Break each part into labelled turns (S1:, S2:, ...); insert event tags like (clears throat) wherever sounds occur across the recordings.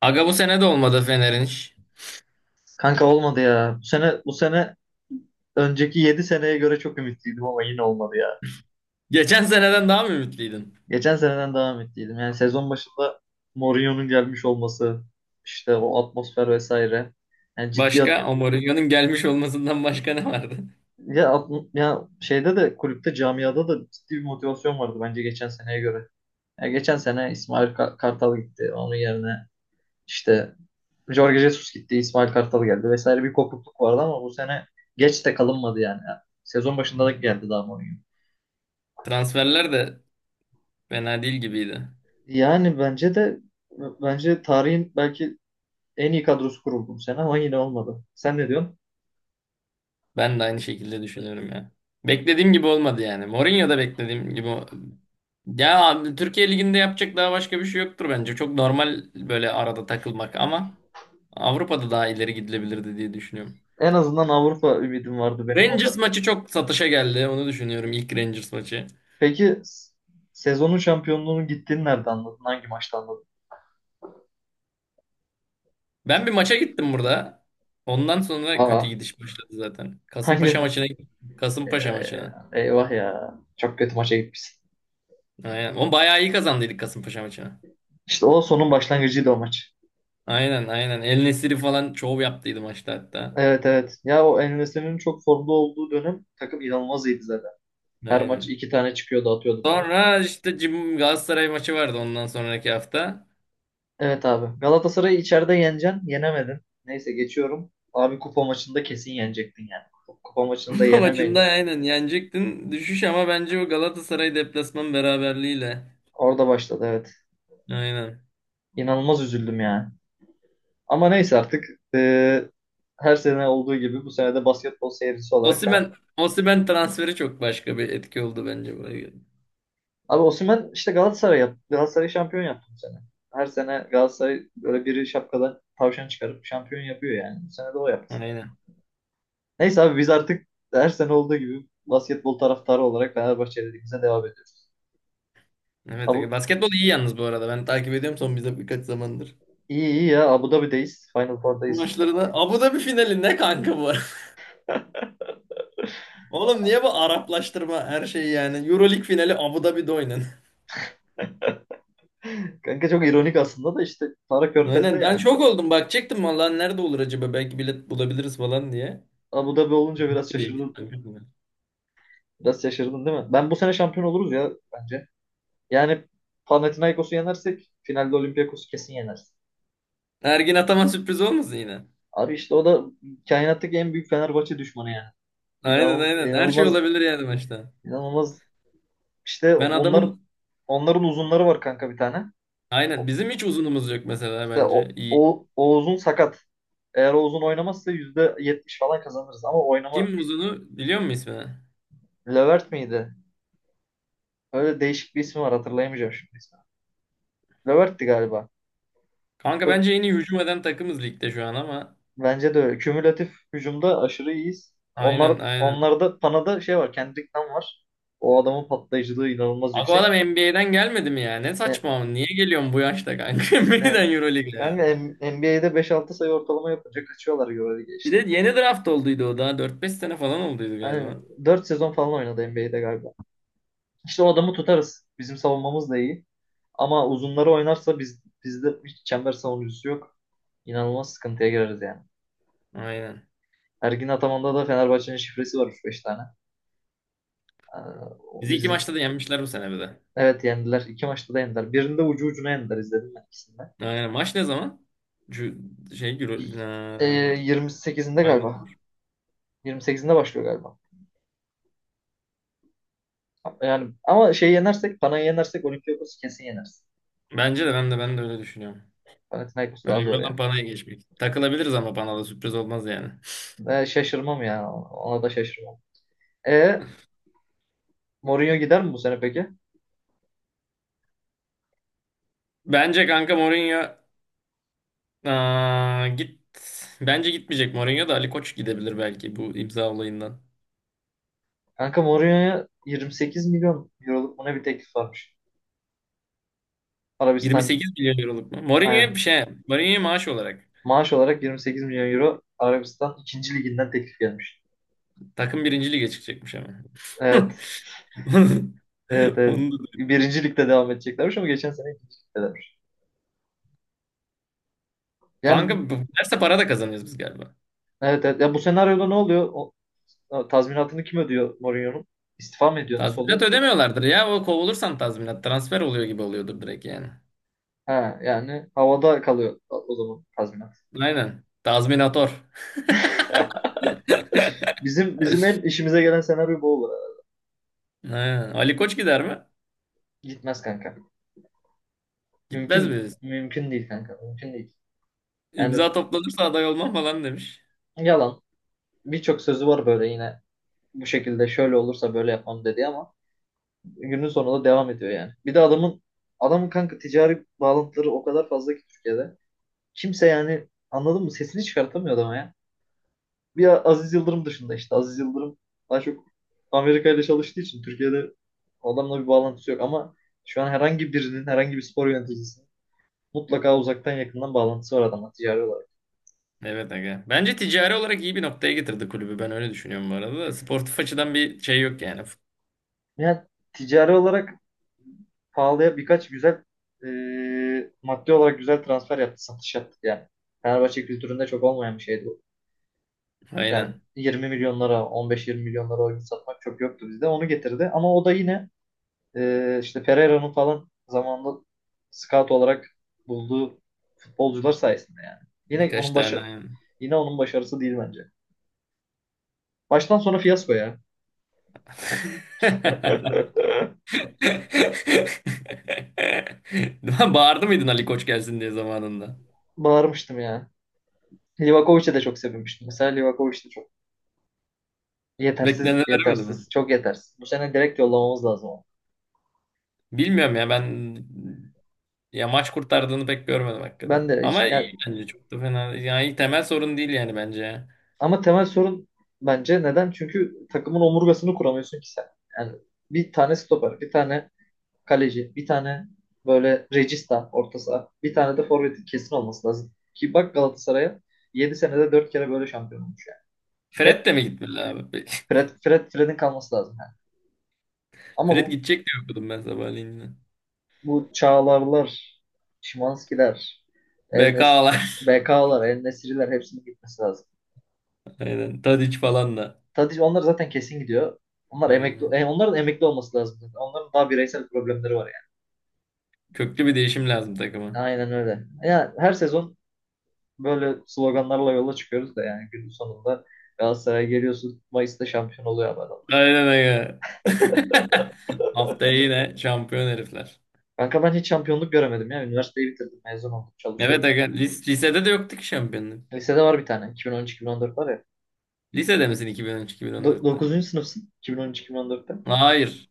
S1: Aga bu sene de olmadı Fener'in iş.
S2: Kanka olmadı ya. Bu sene önceki 7 seneye göre çok ümitliydim ama yine olmadı ya.
S1: Geçen seneden daha mı ümitliydin?
S2: Geçen seneden daha ümitliydim. Yani sezon başında Mourinho'nun gelmiş olması, işte o atmosfer vesaire. Yani ciddi at-
S1: Başka? O Mourinho'nun gelmiş olmasından başka ne vardı?
S2: ya, at- Ya şeyde de kulüpte camiada da ciddi bir motivasyon vardı bence geçen seneye göre. Ya geçen sene İsmail Kartal gitti. Onun yerine işte Jorge Jesus gitti, İsmail Kartal geldi vesaire bir kopukluk vardı ama bu sene geç de kalınmadı yani. Sezon başında da geldi daha Mourinho.
S1: (laughs) Transferler de fena değil gibiydi.
S2: Yani bence tarihin belki en iyi kadrosu kuruldu bu sene ama yine olmadı. Sen ne diyorsun?
S1: Ben de aynı şekilde düşünüyorum ya. Beklediğim gibi olmadı yani. Mourinho da beklediğim gibi. Ya abi, Türkiye Ligi'nde yapacak daha başka bir şey yoktur bence. Çok normal böyle arada takılmak ama Avrupa'da daha ileri gidilebilirdi diye düşünüyorum.
S2: En azından Avrupa ümidim vardı benim o
S1: Rangers
S2: da.
S1: maçı çok satışa geldi. Onu düşünüyorum ilk Rangers maçı.
S2: Peki s- Sezonun şampiyonluğunun gittiğini nerede anladın? Hangi maçta anladın?
S1: Ben bir maça gittim burada. Ondan sonra kötü
S2: Aa,
S1: gidiş başladı zaten.
S2: hangi?
S1: Kasımpaşa maçına gittim. Kasımpaşa
S2: Ee,
S1: maçına.
S2: Eyvah ya. Çok kötü maça gitmişsin.
S1: Aynen. O bayağı iyi kazandıydık Kasımpaşa maçına.
S2: İşte o sonun başlangıcıydı o maç.
S1: Aynen, aynen. El Nesiri falan şov yaptıydı maçta hatta.
S2: Evet, evet. Ya o En-Nesyri'nin çok formda olduğu dönem takım inanılmaz iyiydi zaten. Her maç
S1: Aynen.
S2: iki tane çıkıyordu atıyordu falan.
S1: Sonra işte Galatasaray maçı vardı ondan sonraki hafta.
S2: Evet abi. Galatasaray'ı içeride yeneceksin. Yenemedin. Neyse geçiyorum. Abi kupa maçında kesin yenecektin yani. Kupa maçında
S1: (laughs) Bu maçında
S2: yenemeyin.
S1: aynen yenecektin. Düşüş ama bence o Galatasaray deplasman beraberliğiyle.
S2: Orada başladı evet.
S1: Aynen.
S2: İnanılmaz üzüldüm yani. Ama neyse artık eee, her sene olduğu gibi bu sene de basketbol seyircisi olarak ben...
S1: Osimhen, Osimhen transferi çok başka bir etki oldu bence buraya.
S2: Abi Osimhen işte Galatasaray yaptı. Galatasaray şampiyon yaptı bu sene. Her sene Galatasaray böyle biri şapkadan tavşan çıkarıp şampiyon yapıyor yani. Bu sene de o yaptı.
S1: Aynen.
S2: Neyse abi biz artık her sene olduğu gibi basketbol taraftarı olarak Fenerbahçe'de bize devam ediyoruz.
S1: Evet, Ege.
S2: Abi,
S1: Basketbol iyi yalnız bu arada. Ben takip ediyorum son bize birkaç zamandır.
S2: İyi iyi ya, Abu Dhabi'deyiz. Final Four'dayız.
S1: Maçlarına. Abu Dhabi finali ne kanka bu? (laughs) Oğlum niye bu Araplaştırma her şey yani? Euroleague finali Abu Dhabi'de oynan.
S2: (laughs) Kanka çok ironik aslında da işte Para
S1: (laughs)
S2: Körfez'de
S1: Aynen, ben
S2: yani.
S1: şok oldum bak çektim vallahi nerede olur acaba belki bilet bulabiliriz falan diye.
S2: Abu Dhabi olunca
S1: (laughs)
S2: biraz
S1: Değil.
S2: şaşırdın. Biraz şaşırdın değil mi? Ben bu sene şampiyon oluruz ya bence. Yani Panathinaikos'u yenersek finalde Olympiakos'u kesin yeneriz.
S1: Ergin Ataman sürpriz olmasın yine.
S2: Abi işte o da kainattaki en büyük Fenerbahçe düşmanı yani.
S1: Aynen,
S2: İnan,
S1: aynen, her şey
S2: inanılmaz
S1: olabilir yani maçta.
S2: inanılmaz işte
S1: Ben adamın
S2: onların uzunları var kanka bir tane.
S1: aynen
S2: O-
S1: bizim hiç uzunumuz yok mesela
S2: İşte
S1: bence. İyi.
S2: o uzun sakat. Eğer o uzun oynamazsa %70 falan kazanırız ama oynama
S1: Kim uzunu biliyor musun ismini?
S2: Levert miydi? Öyle değişik bir ismi var hatırlayamayacağım şimdi ismi. Levert'ti galiba.
S1: Kanka
S2: Yok,
S1: bence en iyi hücum eden takımız ligde şu an ama
S2: bence de öyle. Kümülatif hücumda aşırı iyiyiz.
S1: aynen, aynen.
S2: Onlarda Pana'da şey var. Kendrick Nunn var. O adamın patlayıcılığı inanılmaz
S1: Abi o
S2: yüksek.
S1: adam NBA'den gelmedi mi ya? Ne
S2: E,
S1: saçma. Niye geliyorsun bu yaşta kanka? (laughs)
S2: e,
S1: NBA'den Euroleague'e
S2: yani
S1: ya.
S2: NBA'de beş altı sayı ortalama yapınca kaçıyorlar göre
S1: Bir
S2: geçti.
S1: de yeni draft olduydu o daha. Dört beş sene falan olduydu
S2: Yani
S1: galiba.
S2: 4 sezon falan oynadı NBA'de galiba. İşte o adamı tutarız. Bizim savunmamız da iyi. Ama uzunları oynarsa bizde hiç çember savunucusu yok. İnanılmaz sıkıntıya gireriz yani.
S1: Aynen.
S2: Ergin Ataman'da da Fenerbahçe'nin şifresi var 3 beş tane. Ee,
S1: Bizi iki
S2: bizi,
S1: maçta da yenmişler bu sene bir de.
S2: evet yendiler. İki maçta da yendiler. Birinde ucu ucuna yendiler izledim ben ikisinde.
S1: Aynen. Maç ne zaman? Şu
S2: Ee,
S1: Ha,
S2: 28'inde
S1: aynen.
S2: galiba. 28'inde başlıyor galiba. Yani ama yenersek, Panay'ı yenersek Olympiakos'u kesin yeneriz.
S1: Bence de ben de öyle düşünüyorum.
S2: Panathinaikos daha
S1: Önemli
S2: zor
S1: olan
S2: yani.
S1: Pana'ya geçmek. Takılabiliriz ama Pana'da sürpriz olmaz yani.
S2: Ve şaşırmam ya. Ona da şaşırmam. E, Mourinho gider mi bu sene peki?
S1: Bence kanka Mourinho. Aa, git. Bence gitmeyecek Mourinho da Ali Koç gidebilir belki bu imza olayından.
S2: Kanka Mourinho'ya 28 milyon euroluk buna bir teklif varmış. Arabistan,
S1: 28 milyon euroluk mu? Mourinho'ya
S2: aynen.
S1: bir şey. Mourinho'ya maaş olarak.
S2: Maaş olarak 28 milyon euro Arabistan ikinci liginden teklif gelmiş.
S1: Takım birinci lige çıkacakmış ama. (laughs)
S2: Evet,
S1: Onu
S2: evet, evet.
S1: onu da duydum.
S2: Birinci ligde devam edeceklermiş ama geçen sene ikinci ligdelermiş. Yani bu,
S1: Kanka bu- derse para da kazanıyoruz biz galiba.
S2: evet, evet. Ya bu senaryoda ne oluyor? O tazminatını kim ödüyor Mourinho'nun? İstifa mı ediyor? Nasıl
S1: Tazminat
S2: oluyor?
S1: ödemiyorlardır ya. O kovulursan tazminat. Transfer oluyor gibi oluyordur direkt yani.
S2: Ha, yani havada kalıyor o zaman tazminat.
S1: Aynen. Tazminator.
S2: Bizim en işimize gelen senaryo bu olur herhalde.
S1: Aynen. Ali Koç gider mi?
S2: Gitmez kanka.
S1: Gitmez
S2: Mümkün
S1: mi?
S2: mümkün değil kanka. Mümkün değil. Yani
S1: İmza toplanırsa aday olmam falan demiş.
S2: yalan. Birçok sözü var böyle yine bu şekilde şöyle olursa böyle yapmam dedi ama günün sonunda devam ediyor yani. Bir de adamın kanka ticari bağlantıları o kadar fazla ki Türkiye'de. Kimse yani anladın mı? Sesini çıkartamıyor adama ya. Bir Aziz Yıldırım dışında işte. Aziz Yıldırım daha çok Amerika ile çalıştığı için Türkiye'de adamla bir bağlantısı yok ama şu an herhangi birinin, herhangi bir spor yöneticisinin mutlaka uzaktan yakından bağlantısı var adamla ticari olarak.
S1: Evet aga. Bence ticari olarak iyi bir noktaya getirdi kulübü. Ben öyle düşünüyorum bu arada. Da. Sportif açıdan bir şey yok yani.
S2: Yani ticari olarak pahalıya birkaç güzel maddi olarak güzel transfer yaptı, satış yaptı yani. Fenerbahçe kültüründe çok olmayan bir şeydi bu. Yani
S1: Aynen.
S2: 20 milyonlara, 15-20 milyonlara oyun satmak çok yoktu bizde. Onu getirdi. Ama o da yine işte Pereira'nın falan zamanında scout olarak bulduğu futbolcular sayesinde yani. Yine
S1: Birkaç
S2: onun
S1: tane
S2: başı
S1: aynen.
S2: Yine onun başarısı değil bence. Baştan sona fiyasko ya. (laughs)
S1: (laughs) Bağırdı mıydın Ali Koç gelsin diye zamanında?
S2: Bağırmıştım ya. Livakovic'e de çok sevinmiştim. Mesela Livakovic de çok yetersiz,
S1: Bekleneni veremedi mi?
S2: yetersiz, çok yetersiz. Bu sene direkt yollamamız lazım onu.
S1: Bilmiyorum ya ben. Ya maç kurtardığını pek görmedim
S2: Ben
S1: hakikaten.
S2: de hiç
S1: Ama
S2: yani.
S1: iyi bence, çok da fena. Yani temel sorun değil yani bence ya.
S2: Ama temel sorun bence neden? Çünkü takımın omurgasını kuramıyorsun ki sen. Yani bir tane stoper, bir tane kaleci, bir tane böyle regista orta saha, bir tane de forvetin kesin olması lazım. Ki bak Galatasaray'a 7 senede 4 kere böyle şampiyon olmuş yani.
S1: Fred
S2: Hep
S1: de mi gitmeli abi?
S2: Fred'in kalması lazım yani.
S1: (laughs)
S2: Ama
S1: Fred
S2: bu
S1: gidecek diye okudum ben sabahleyin. Yine.
S2: bu Çağlarlar, Şimanskiler, El Nes
S1: BK'lar.
S2: BK'lar, El Nesri'ler hepsinin gitmesi lazım.
S1: (laughs) Aynen. Tadic falan da.
S2: Tadic onlar zaten kesin gidiyor. Onlar emekli,
S1: Aynen.
S2: onların emekli olması lazım. Onların daha bireysel problemleri var yani.
S1: Köklü bir değişim lazım takıma.
S2: Aynen öyle. Yani her sezon böyle sloganlarla yola çıkıyoruz da yani günün sonunda Galatasaray'a geliyorsun. Mayıs'ta şampiyon oluyor abi adamlar.
S1: Aynen öyle. (laughs) Haftaya yine şampiyon herifler.
S2: Kanka ben hiç şampiyonluk göremedim ya. Üniversiteyi bitirdim. Mezun oldum.
S1: Evet
S2: Çalışıyorum.
S1: aga, lisede de yoktu ki şampiyonluk.
S2: Lisede var bir tane. 2013-2014 var ya.
S1: Lisede misin
S2: Do-
S1: 2013-2014'te?
S2: Dokuzuncu sınıfsın. 2013-2014'te.
S1: Hayır.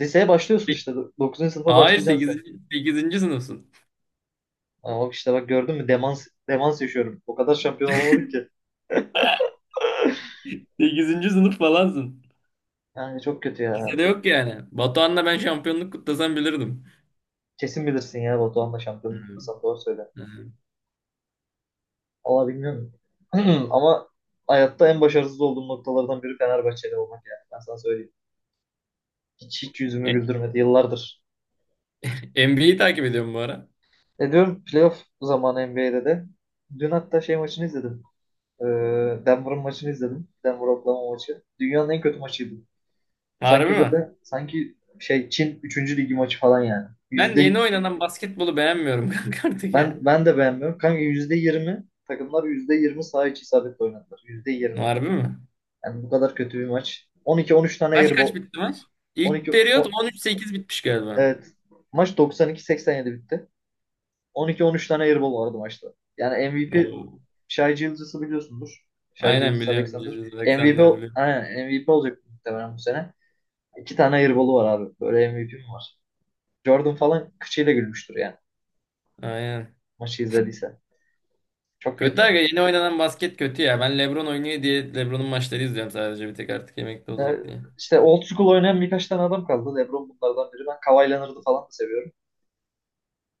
S2: Liseye başlıyorsun
S1: Li-
S2: işte. Dokuzuncu sınıfa
S1: Hayır,
S2: başlayacaksın sen.
S1: sekizinci sınıfsın.
S2: Ama işte bak gördün mü? Demans, demans yaşıyorum. O kadar şampiyon olamadık ki.
S1: (laughs) Sekizinci sınıf falansın.
S2: Yani çok kötü
S1: Lisede
S2: ya.
S1: yok yani. Batuhan'la ben şampiyonluk kutlasam bilirdim.
S2: Kesin bilirsin ya, Batuhan'la şampiyonluk
S1: Hı.
S2: kutlasam doğru söyle. Valla bilmiyorum. (clears throat) Ama hayatta en başarısız olduğum noktalardan biri Fenerbahçeli olmak yani. Ben sana söyleyeyim. Hiç, hiç yüzümü güldürmedi yıllardır.
S1: E, NBA'yi takip ediyorum bu ara.
S2: E, diyorum playoff zamanı NBA'de de. Dün hatta şey maçını izledim. Ee, Denver'ın maçını izledim. Denver Oklahoma maçı. Dünyanın en kötü maçıydı.
S1: Harbi
S2: Sanki
S1: mi?
S2: böyle sanki şey Çin üçüncü ligi maçı falan yani.
S1: Ben yeni oynanan basketbolu beğenmiyorum (laughs) kanka artık ya.
S2: Ben de beğenmiyorum. Kanka %20 takımlar %20 saha içi isabetle oynadılar. %20.
S1: Harbi mi?
S2: Yani bu kadar kötü bir maç. 12-13 tane
S1: Kaç kaç
S2: airball.
S1: bitti maç? İlk
S2: 12.
S1: periyot 13-8 bitmiş galiba.
S2: Evet. Maç 92-87 bitti. 12-13 tane airball vardı maçta. Yani MVP
S1: Oo.
S2: Shai Gilgeous'u biliyorsundur. Shai
S1: Aynen
S2: Gilgeous
S1: biliyorum.
S2: Alexander.
S1: Julius
S2: MVP,
S1: Alexander'ı
S2: ol-
S1: biliyorum.
S2: aynen, MVP olacak muhtemelen bu sene. İki tane airball'u var abi. Böyle MVP mi var? Jordan falan kıçıyla gülmüştür yani.
S1: Aynen.
S2: Maçı izlediyse. Çok
S1: Kötü
S2: kötü
S1: aga,
S2: oyun.
S1: yeni oynanan basket kötü ya. Ben LeBron oynuyor diye LeBron'un maçları izliyorum sadece bir tek artık emekli olacak
S2: Yani
S1: diye.
S2: işte old school oynayan birkaç tane adam kaldı. LeBron bunlardan biri. Ben Kawhi Leonard'ı falan da seviyorum.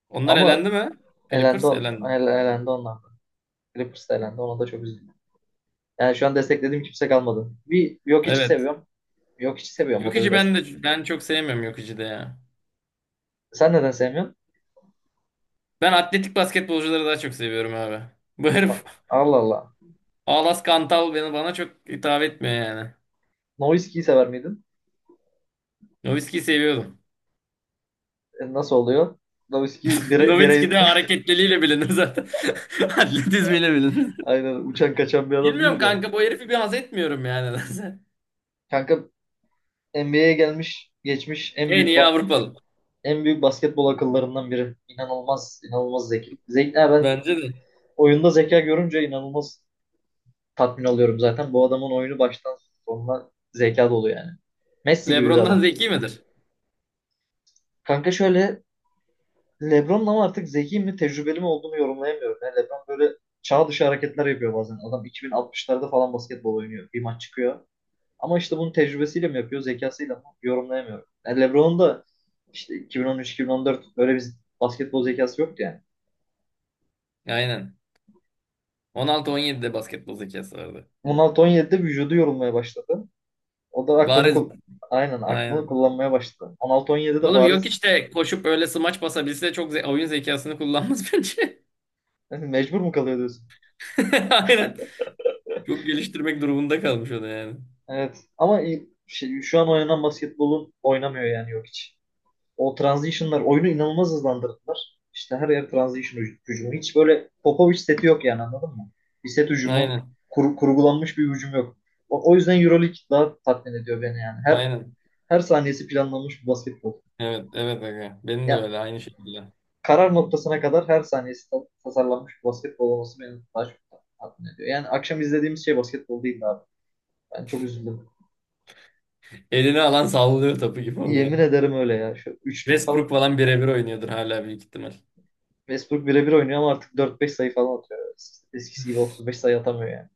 S1: Onlar
S2: Ama
S1: elendi mi?
S2: elendi
S1: Clippers
S2: on.
S1: elendi.
S2: Elendi onlar. Clippers elendi. Ona da çok üzüldüm. Yani şu an desteklediğim kimse kalmadı. Bir yok içi
S1: Evet.
S2: seviyorum. Yok içi seviyorum o da
S1: Jokic'i
S2: biraz.
S1: ben de çok sevmiyorum Jokic'i de ya.
S2: Sen neden sevmiyorsun?
S1: Ben atletik basketbolcuları daha çok seviyorum abi. Bu herif
S2: Allah Allah.
S1: (laughs) Alas Kantal beni bana çok hitap etmiyor yani.
S2: Nowitzki'yi sever miydin?
S1: Nowitzki'yi seviyordum.
S2: E, nasıl oluyor? Nowitzki
S1: (laughs)
S2: bire,
S1: Nowitzki
S2: birey
S1: de hareketliliğiyle bilinir zaten. (laughs) Atletizmiyle bilinir.
S2: (laughs) aynen uçan kaçan bir adam
S1: Bilmiyorum
S2: değil de.
S1: kanka, bu herifi bir haz etmiyorum yani. (laughs)
S2: Kanka NBA'ye gelmiş geçmiş
S1: En iyi Avrupalı.
S2: en büyük basketbol akıllarından biri. İnanılmaz, inanılmaz zeki. Zeki, ben
S1: Bence de.
S2: oyunda zeka görünce inanılmaz tatmin oluyorum zaten. Bu adamın oyunu baştan sonuna zeka dolu yani. Messi gibi bir
S1: LeBron'dan
S2: adam.
S1: zeki midir?
S2: Kanka şöyle, LeBron'un ama artık zeki mi tecrübeli mi olduğunu yorumlayamıyorum. Yani LeBron böyle çağ dışı hareketler yapıyor bazen. Adam 2060'larda falan basketbol oynuyor. Bir maç çıkıyor. Ama işte bunun tecrübesiyle mi yapıyor, zekasıyla mı yorumlayamıyorum. Yani LeBron'un da işte 2013-2014 öyle bir basketbol zekası yoktu yani.
S1: Aynen. 16-17'de basketbol zekası vardı.
S2: 16-17'de vücudu yorulmaya başladı. O da
S1: Bariz.
S2: aynen aklını
S1: Aynen.
S2: kullanmaya başladı. 16-17'de
S1: Oğlum yok
S2: bariz
S1: işte koşup öyle smaç basabilse çok oyun zekasını kullanmaz (laughs) bence.
S2: (laughs) mecbur mu kalıyor diyorsun?
S1: (laughs) Aynen. Çok geliştirmek durumunda kalmış o da yani.
S2: Evet. Ama şu an oynanan basketbolun oynamıyor yani yok hiç. O transition'lar oyunu inanılmaz hızlandırdılar. İşte her yer transition hücumu. Hiç böyle Popovic seti yok yani anladın mı? Bir set hücumu,
S1: Aynen.
S2: kurgulanmış bir hücum yok. O yüzden EuroLeague daha tatmin ediyor beni yani.
S1: Aynen.
S2: Her saniyesi planlanmış bir basketbol.
S1: Evet, evet aga. Benim de
S2: Ya
S1: öyle, aynı şekilde.
S2: karar noktasına kadar her saniyesi tasarlanmış bir basketbol olması beni daha çok tatmin ediyor. Yani akşam izlediğimiz şey basketbol değildi abi. Ben çok üzüldüm.
S1: Elini alan sallıyor topu gibi oluyor.
S2: Yemin ederim öyle ya. Şu üçlük
S1: Westbrook
S2: falan
S1: falan birebir oynuyordur hala büyük ihtimal.
S2: Westbrook birebir oynuyor ama artık dört beş sayı falan atıyor. Eskisi gibi 35 sayı atamıyor yani.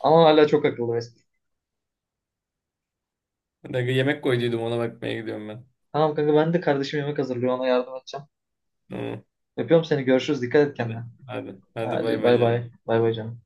S2: Ama hala çok akıllı Vesper.
S1: Aga yemek koyduydum, ona bakmaya gidiyorum ben.
S2: Tamam kanka, ben de kardeşim yemek hazırlıyor ona yardım edeceğim.
S1: Tamam.
S2: Öpüyorum seni, görüşürüz, dikkat et
S1: Hadi.
S2: kendine.
S1: Hadi. Hadi bay
S2: Hadi
S1: bay
S2: bay
S1: canım.
S2: bay. Bay bay canım.